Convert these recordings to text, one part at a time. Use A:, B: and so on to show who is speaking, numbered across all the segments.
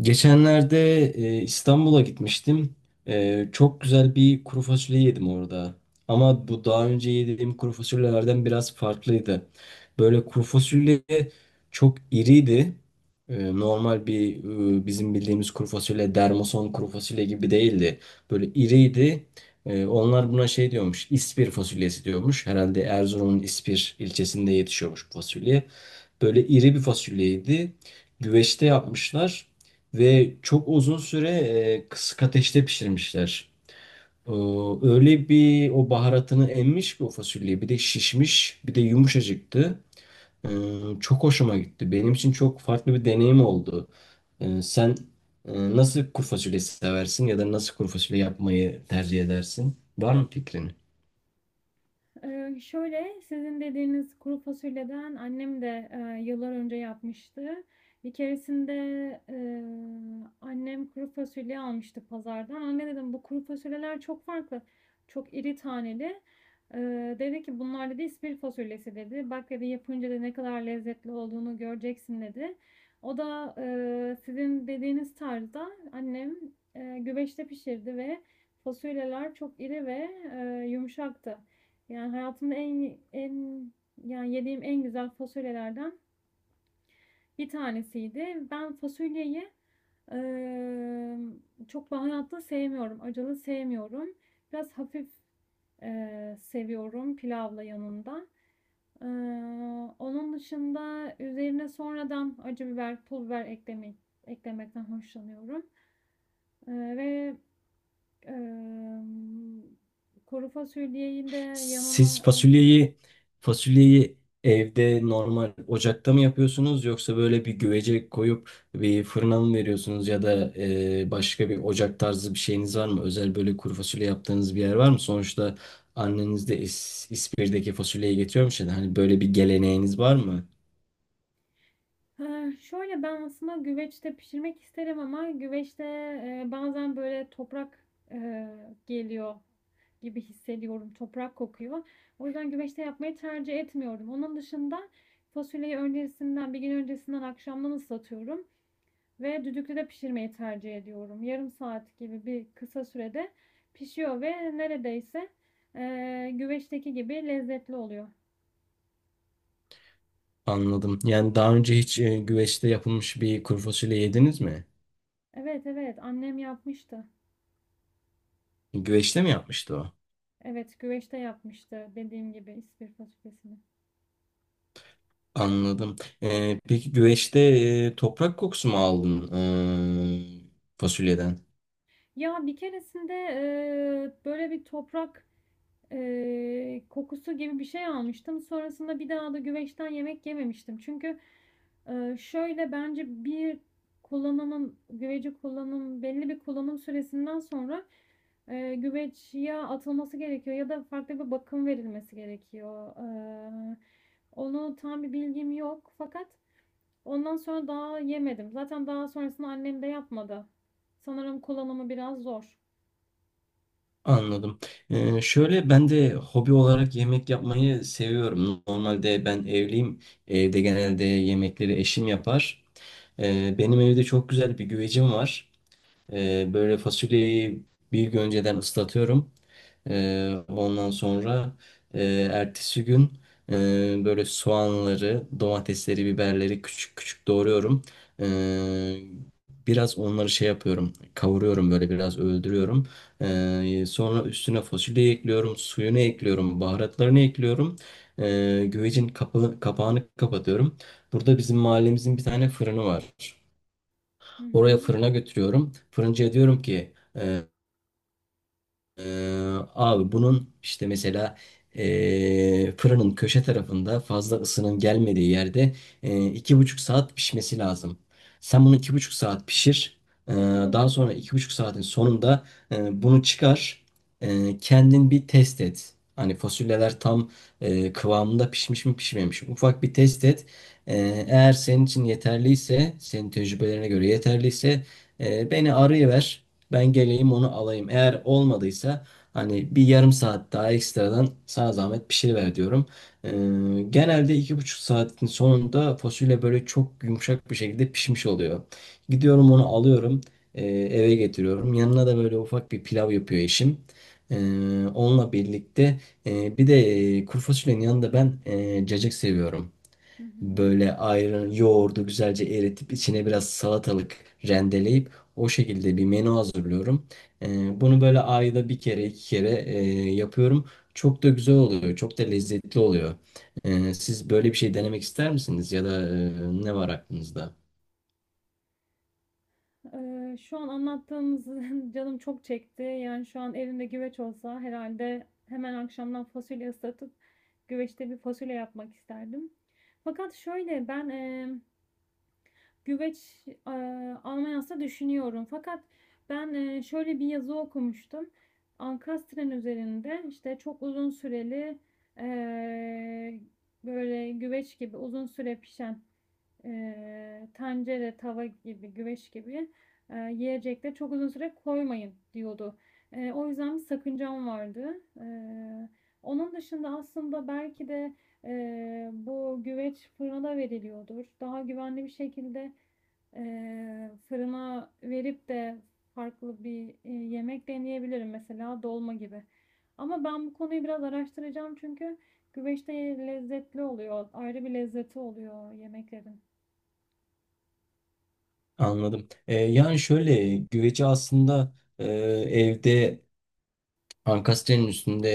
A: Geçenlerde İstanbul'a gitmiştim. Çok güzel bir kuru fasulye yedim orada. Ama bu daha önce yediğim kuru fasulyelerden biraz farklıydı. Böyle kuru fasulye çok iriydi. Normal bir bizim bildiğimiz kuru fasulye, dermason kuru fasulye gibi değildi. Böyle iriydi. Onlar buna şey diyormuş, İspir fasulyesi diyormuş. Herhalde Erzurum'un İspir ilçesinde yetişiyormuş bu fasulye. Böyle iri bir fasulyeydi. Güveçte yapmışlar. Ve çok uzun süre kısık ateşte pişirmişler. Ee, Öyle bir o baharatını emmiş ki o fasulye. Bir de şişmiş, bir de yumuşacıktı. Ee, Çok hoşuma gitti. Benim için çok farklı bir deneyim oldu. Sen e, nasıl kuru fasulye seversin ya da nasıl kuru fasulye yapmayı tercih edersin? Var mı fikrin?
B: Sizin dediğiniz kuru fasulyeden annem de yıllar önce yapmıştı. Bir keresinde, eee, annem kuru fasulye almıştı pazardan. Anne dedim, bu kuru fasulyeler çok farklı, çok iri taneli. Dedi ki bunlar dedi ispir fasulyesi dedi. Bak dedi yapınca da ne kadar lezzetli olduğunu göreceksin dedi. O da sizin dediğiniz tarzda annem güveçte pişirdi ve fasulyeler çok iri ve yumuşaktı. Yani hayatımda en yani yediğim en güzel fasulyelerden bir tanesiydi. Ben fasulyeyi emm, çok baharatlı sevmiyorum, acılı sevmiyorum. Biraz hafif, seviyorum pilavla yanında. Eee, Onun dışında üzerine sonradan acı biber, pul biber eklemekten hoşlanıyorum. Ve, emm, kuru fasulyeyi de
A: Siz
B: yanına.
A: fasulyeyi fasulyeyi evde normal ocakta mı yapıyorsunuz yoksa böyle bir güvece koyup bir fırına mı veriyorsunuz ya da başka bir ocak tarzı bir şeyiniz var mı? Özel böyle kuru fasulye yaptığınız bir yer var mı? Sonuçta anneniz de İspir'deki fasulyeyi getiriyormuş ya da hani böyle bir geleneğiniz var mı?
B: Ben aslında güveçte pişirmek isterim ama güveçte, bazen böyle toprak, eee, geliyor gibi hissediyorum. Toprak kokuyor. O yüzden güveçte yapmayı tercih etmiyorum. Onun dışında fasulyeyi öncesinden, bir gün öncesinden akşamdan ıslatıyorum ve düdüklüde pişirmeyi tercih ediyorum. Yarım saat gibi bir kısa sürede pişiyor ve neredeyse, güveçteki gibi lezzetli oluyor.
A: Anladım. Yani daha önce hiç güveçte yapılmış bir kuru fasulye yediniz mi?
B: Evet, evet, annem yapmıştı.
A: Güveçte mi yapmıştı o?
B: Evet, güveçte yapmıştı dediğim gibi ispir fasulyesini.
A: Anladım. Peki güveçte toprak kokusu mu aldın fasulyeden?
B: Ya bir keresinde böyle bir toprak kokusu gibi bir şey almıştım. Sonrasında bir daha da güveçten yemek yememiştim. Çünkü şöyle bence bir kullanımın güveci kullanım belli bir kullanım süresinden sonra güveç ya atılması gerekiyor ya da farklı bir bakım verilmesi gerekiyor. E, Onu tam bir bilgim yok fakat ondan sonra daha yemedim. Zaten daha sonrasında annem de yapmadı. Sanırım kullanımı biraz zor.
A: Anladım. Şöyle ben de hobi olarak yemek yapmayı seviyorum. Normalde ben evliyim. Evde genelde yemekleri eşim yapar. Benim evde çok güzel bir güvecim var. Böyle fasulyeyi bir gün önceden ıslatıyorum. Ondan sonra e, ertesi gün böyle soğanları, domatesleri, biberleri küçük küçük doğruyorum. Ee, Biraz onları şey yapıyorum, kavuruyorum böyle biraz öldürüyorum. Sonra üstüne fasulyeyi ekliyorum, suyunu ekliyorum, baharatlarını ekliyorum. Güvecin kapağını kapatıyorum. Burada bizim mahallemizin bir tane fırını var.
B: Hı hı.
A: Oraya fırına götürüyorum. Fırıncıya diyorum ki abi bunun işte mesela fırının köşe tarafında fazla ısının gelmediği yerde 2,5 saat pişmesi lazım. Sen bunu 2,5 saat pişir. Ee,
B: Çok uzun
A: Daha sonra
B: süre.
A: 2,5 saatin sonunda bunu çıkar. Kendin bir test et. Hani fasulyeler tam kıvamında pişmiş mi pişmemiş mi? Ufak bir test et. Eğer senin için yeterliyse, senin tecrübelerine göre yeterliyse beni arayıver. Ben geleyim onu alayım. Eğer olmadıysa hani bir yarım saat daha ekstradan sana zahmet pişiriver diyorum. Ee, Genelde 2,5 saatin sonunda fasulye böyle çok yumuşak bir şekilde pişmiş oluyor. Gidiyorum onu alıyorum eve getiriyorum. Yanına da böyle ufak bir pilav yapıyor eşim. Ee, Onunla birlikte bir de kuru fasulyenin yanında ben cacık seviyorum.
B: Hı hı.
A: Böyle ayran, yoğurdu güzelce eritip içine biraz salatalık rendeleyip o şekilde bir menü hazırlıyorum. Bunu böyle ayda bir kere iki kere yapıyorum. Çok da güzel oluyor. Çok da lezzetli oluyor. Siz böyle bir şey denemek ister misiniz? Ya da ne var aklınızda?
B: Şu an anlattığınız canım çok çekti. Yani şu an elimde güveç olsa herhalde hemen akşamdan fasulye ıslatıp güveçte bir fasulye yapmak isterdim. Fakat şöyle ben güveç e, almayı düşünüyorum. Fakat ben şöyle bir yazı okumuştum. Ankastren üzerinde işte çok uzun süreli e, böyle güveç gibi uzun süre pişen tencere, tava gibi, güveç gibi yiyecekleri çok uzun süre koymayın diyordu. O yüzden bir sakıncam vardı. Onun dışında aslında belki de bu güveç fırına veriliyordur. Daha güvenli bir şekilde e, fırına verip de farklı bir yemek deneyebilirim mesela dolma gibi. Ama ben bu konuyu biraz araştıracağım çünkü güveçte lezzetli oluyor. Ayrı bir lezzeti oluyor yemeklerin.
A: Anladım. Yani şöyle güveci aslında evde ankastrenin üstünde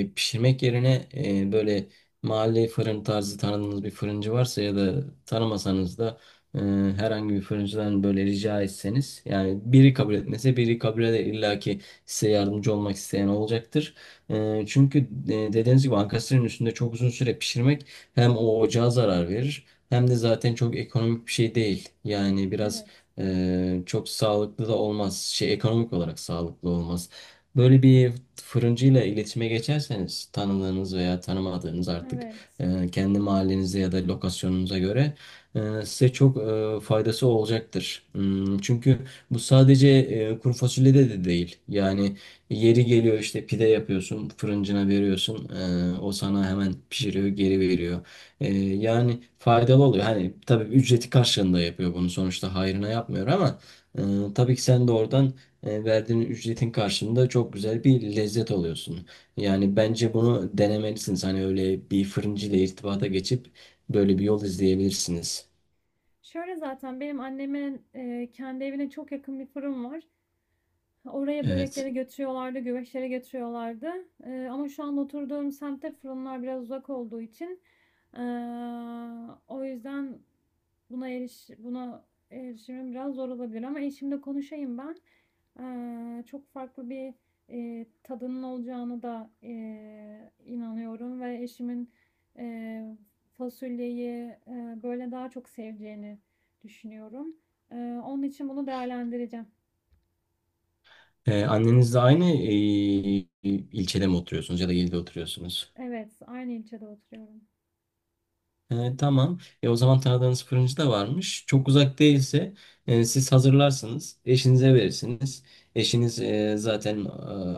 A: pişirmek yerine böyle mahalle fırın tarzı tanıdığınız bir fırıncı varsa ya da tanımasanız da e, herhangi bir fırıncıdan böyle rica etseniz yani biri kabul etmese biri kabul eder illa ki size yardımcı olmak isteyen olacaktır. Çünkü dediğiniz gibi ankastrenin üstünde çok uzun süre pişirmek hem o ocağa zarar verir hem de zaten çok ekonomik bir şey değil. Yani biraz
B: Evet,
A: çok sağlıklı da olmaz. Şey, ekonomik olarak sağlıklı olmaz. Böyle bir fırıncıyla iletişime geçerseniz tanıdığınız veya tanımadığınız artık
B: evet,
A: kendi mahallenize ya da lokasyonunuza göre size çok faydası olacaktır. Çünkü bu sadece kuru fasulyede de değil. Yani yeri geliyor işte pide yapıyorsun, fırıncına veriyorsun. O sana hemen pişiriyor, geri veriyor. Yani faydalı oluyor. Hani tabii ücreti karşılığında yapıyor bunu sonuçta hayrına yapmıyor ama e, tabii ki sen de oradan verdiğin ücretin karşılığında çok güzel bir lezzet alıyorsun. Yani bence
B: evet.
A: bunu denemelisiniz. Hani öyle bir fırıncı ile irtibata geçip böyle bir yol izleyebilirsiniz.
B: Şöyle zaten benim annemin kendi evine çok yakın bir fırın var. Oraya
A: Evet.
B: börekleri götürüyorlardı, güveçleri götürüyorlardı. Ama şu an oturduğum semtte fırınlar biraz uzak olduğu için ee, o yüzden buna erişimim biraz zor olabilir ama eşimle konuşayım ben. Çok farklı bir e, tadının olacağını da e, inanıyorum ve eşimin e, fasulyeyi böyle daha çok seveceğini düşünüyorum. Ee, Onun için bunu değerlendireceğim.
A: Annenizle aynı ilçede mi oturuyorsunuz ya da ilde oturuyorsunuz?
B: Evet, aynı ilçede oturuyorum.
A: Tamam. O zaman tanıdığınız fırıncı da varmış. Çok uzak değilse siz hazırlarsınız. Eşinize verirsiniz. Eşiniz zaten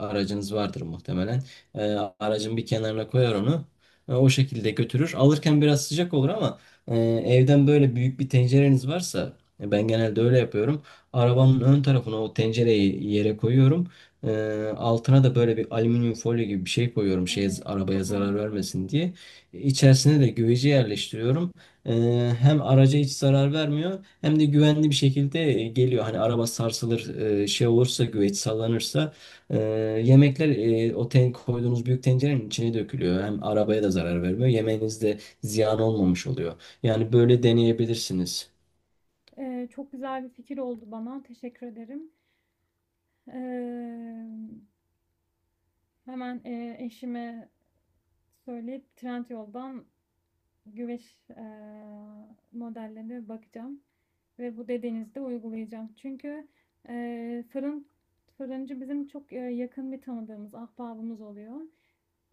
A: aracınız vardır muhtemelen. E, Aracın bir kenarına koyar onu. O şekilde götürür. Alırken biraz sıcak olur ama e, evden böyle büyük bir tencereniz varsa ben genelde öyle yapıyorum. Arabanın ön tarafına o tencereyi yere koyuyorum. Altına da böyle bir alüminyum folyo gibi bir şey koyuyorum. Şey,
B: Evet,
A: arabaya
B: çok
A: zarar
B: mantıklı.
A: vermesin diye. İçerisine de güveci yerleştiriyorum. Hem araca hiç zarar vermiyor hem de güvenli bir şekilde geliyor. Hani araba sarsılır, şey olursa güveç sallanırsa e, yemekler o ten koyduğunuz büyük tencerenin içine dökülüyor. Hem arabaya da zarar vermiyor. Yemeğiniz de ziyan olmamış oluyor. Yani böyle deneyebilirsiniz.
B: Çok güzel bir fikir oldu bana. Teşekkür ederim. Ee, hemen eşime söyleyip Trendyol'dan güveç modellerine bakacağım ve bu dediğinizi de uygulayacağım. Çünkü e, fırın fırıncı bizim çok yakın bir tanıdığımız, ahbabımız oluyor.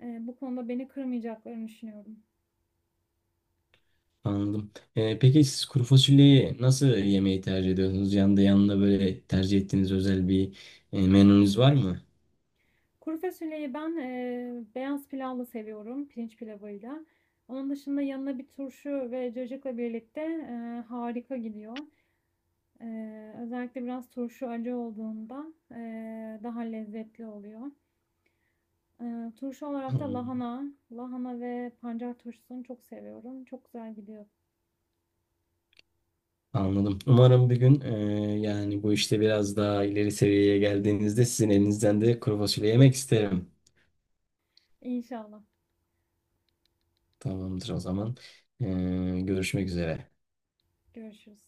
B: Bu konuda beni kırmayacaklarını düşünüyorum.
A: Anladım. Peki siz kuru fasulyeyi nasıl yemeği tercih ediyorsunuz? Yanında böyle tercih ettiğiniz özel bir menünüz var mı?
B: Kuru fasulyeyi ben beyaz pilavla seviyorum, pirinç pilavıyla. Onun dışında yanına bir turşu ve cacıkla birlikte harika gidiyor. Özellikle biraz turşu acı olduğunda daha lezzetli oluyor. Eee, turşu olarak da
A: Anladım.
B: lahana, lahana ve pancar turşusunu çok seviyorum. Çok güzel gidiyor.
A: Anladım. Umarım bir gün yani bu işte biraz daha ileri seviyeye geldiğinizde sizin elinizden de kuru fasulye yemek isterim.
B: İnşallah.
A: Tamamdır o zaman. Görüşmek üzere.
B: Görüşürüz.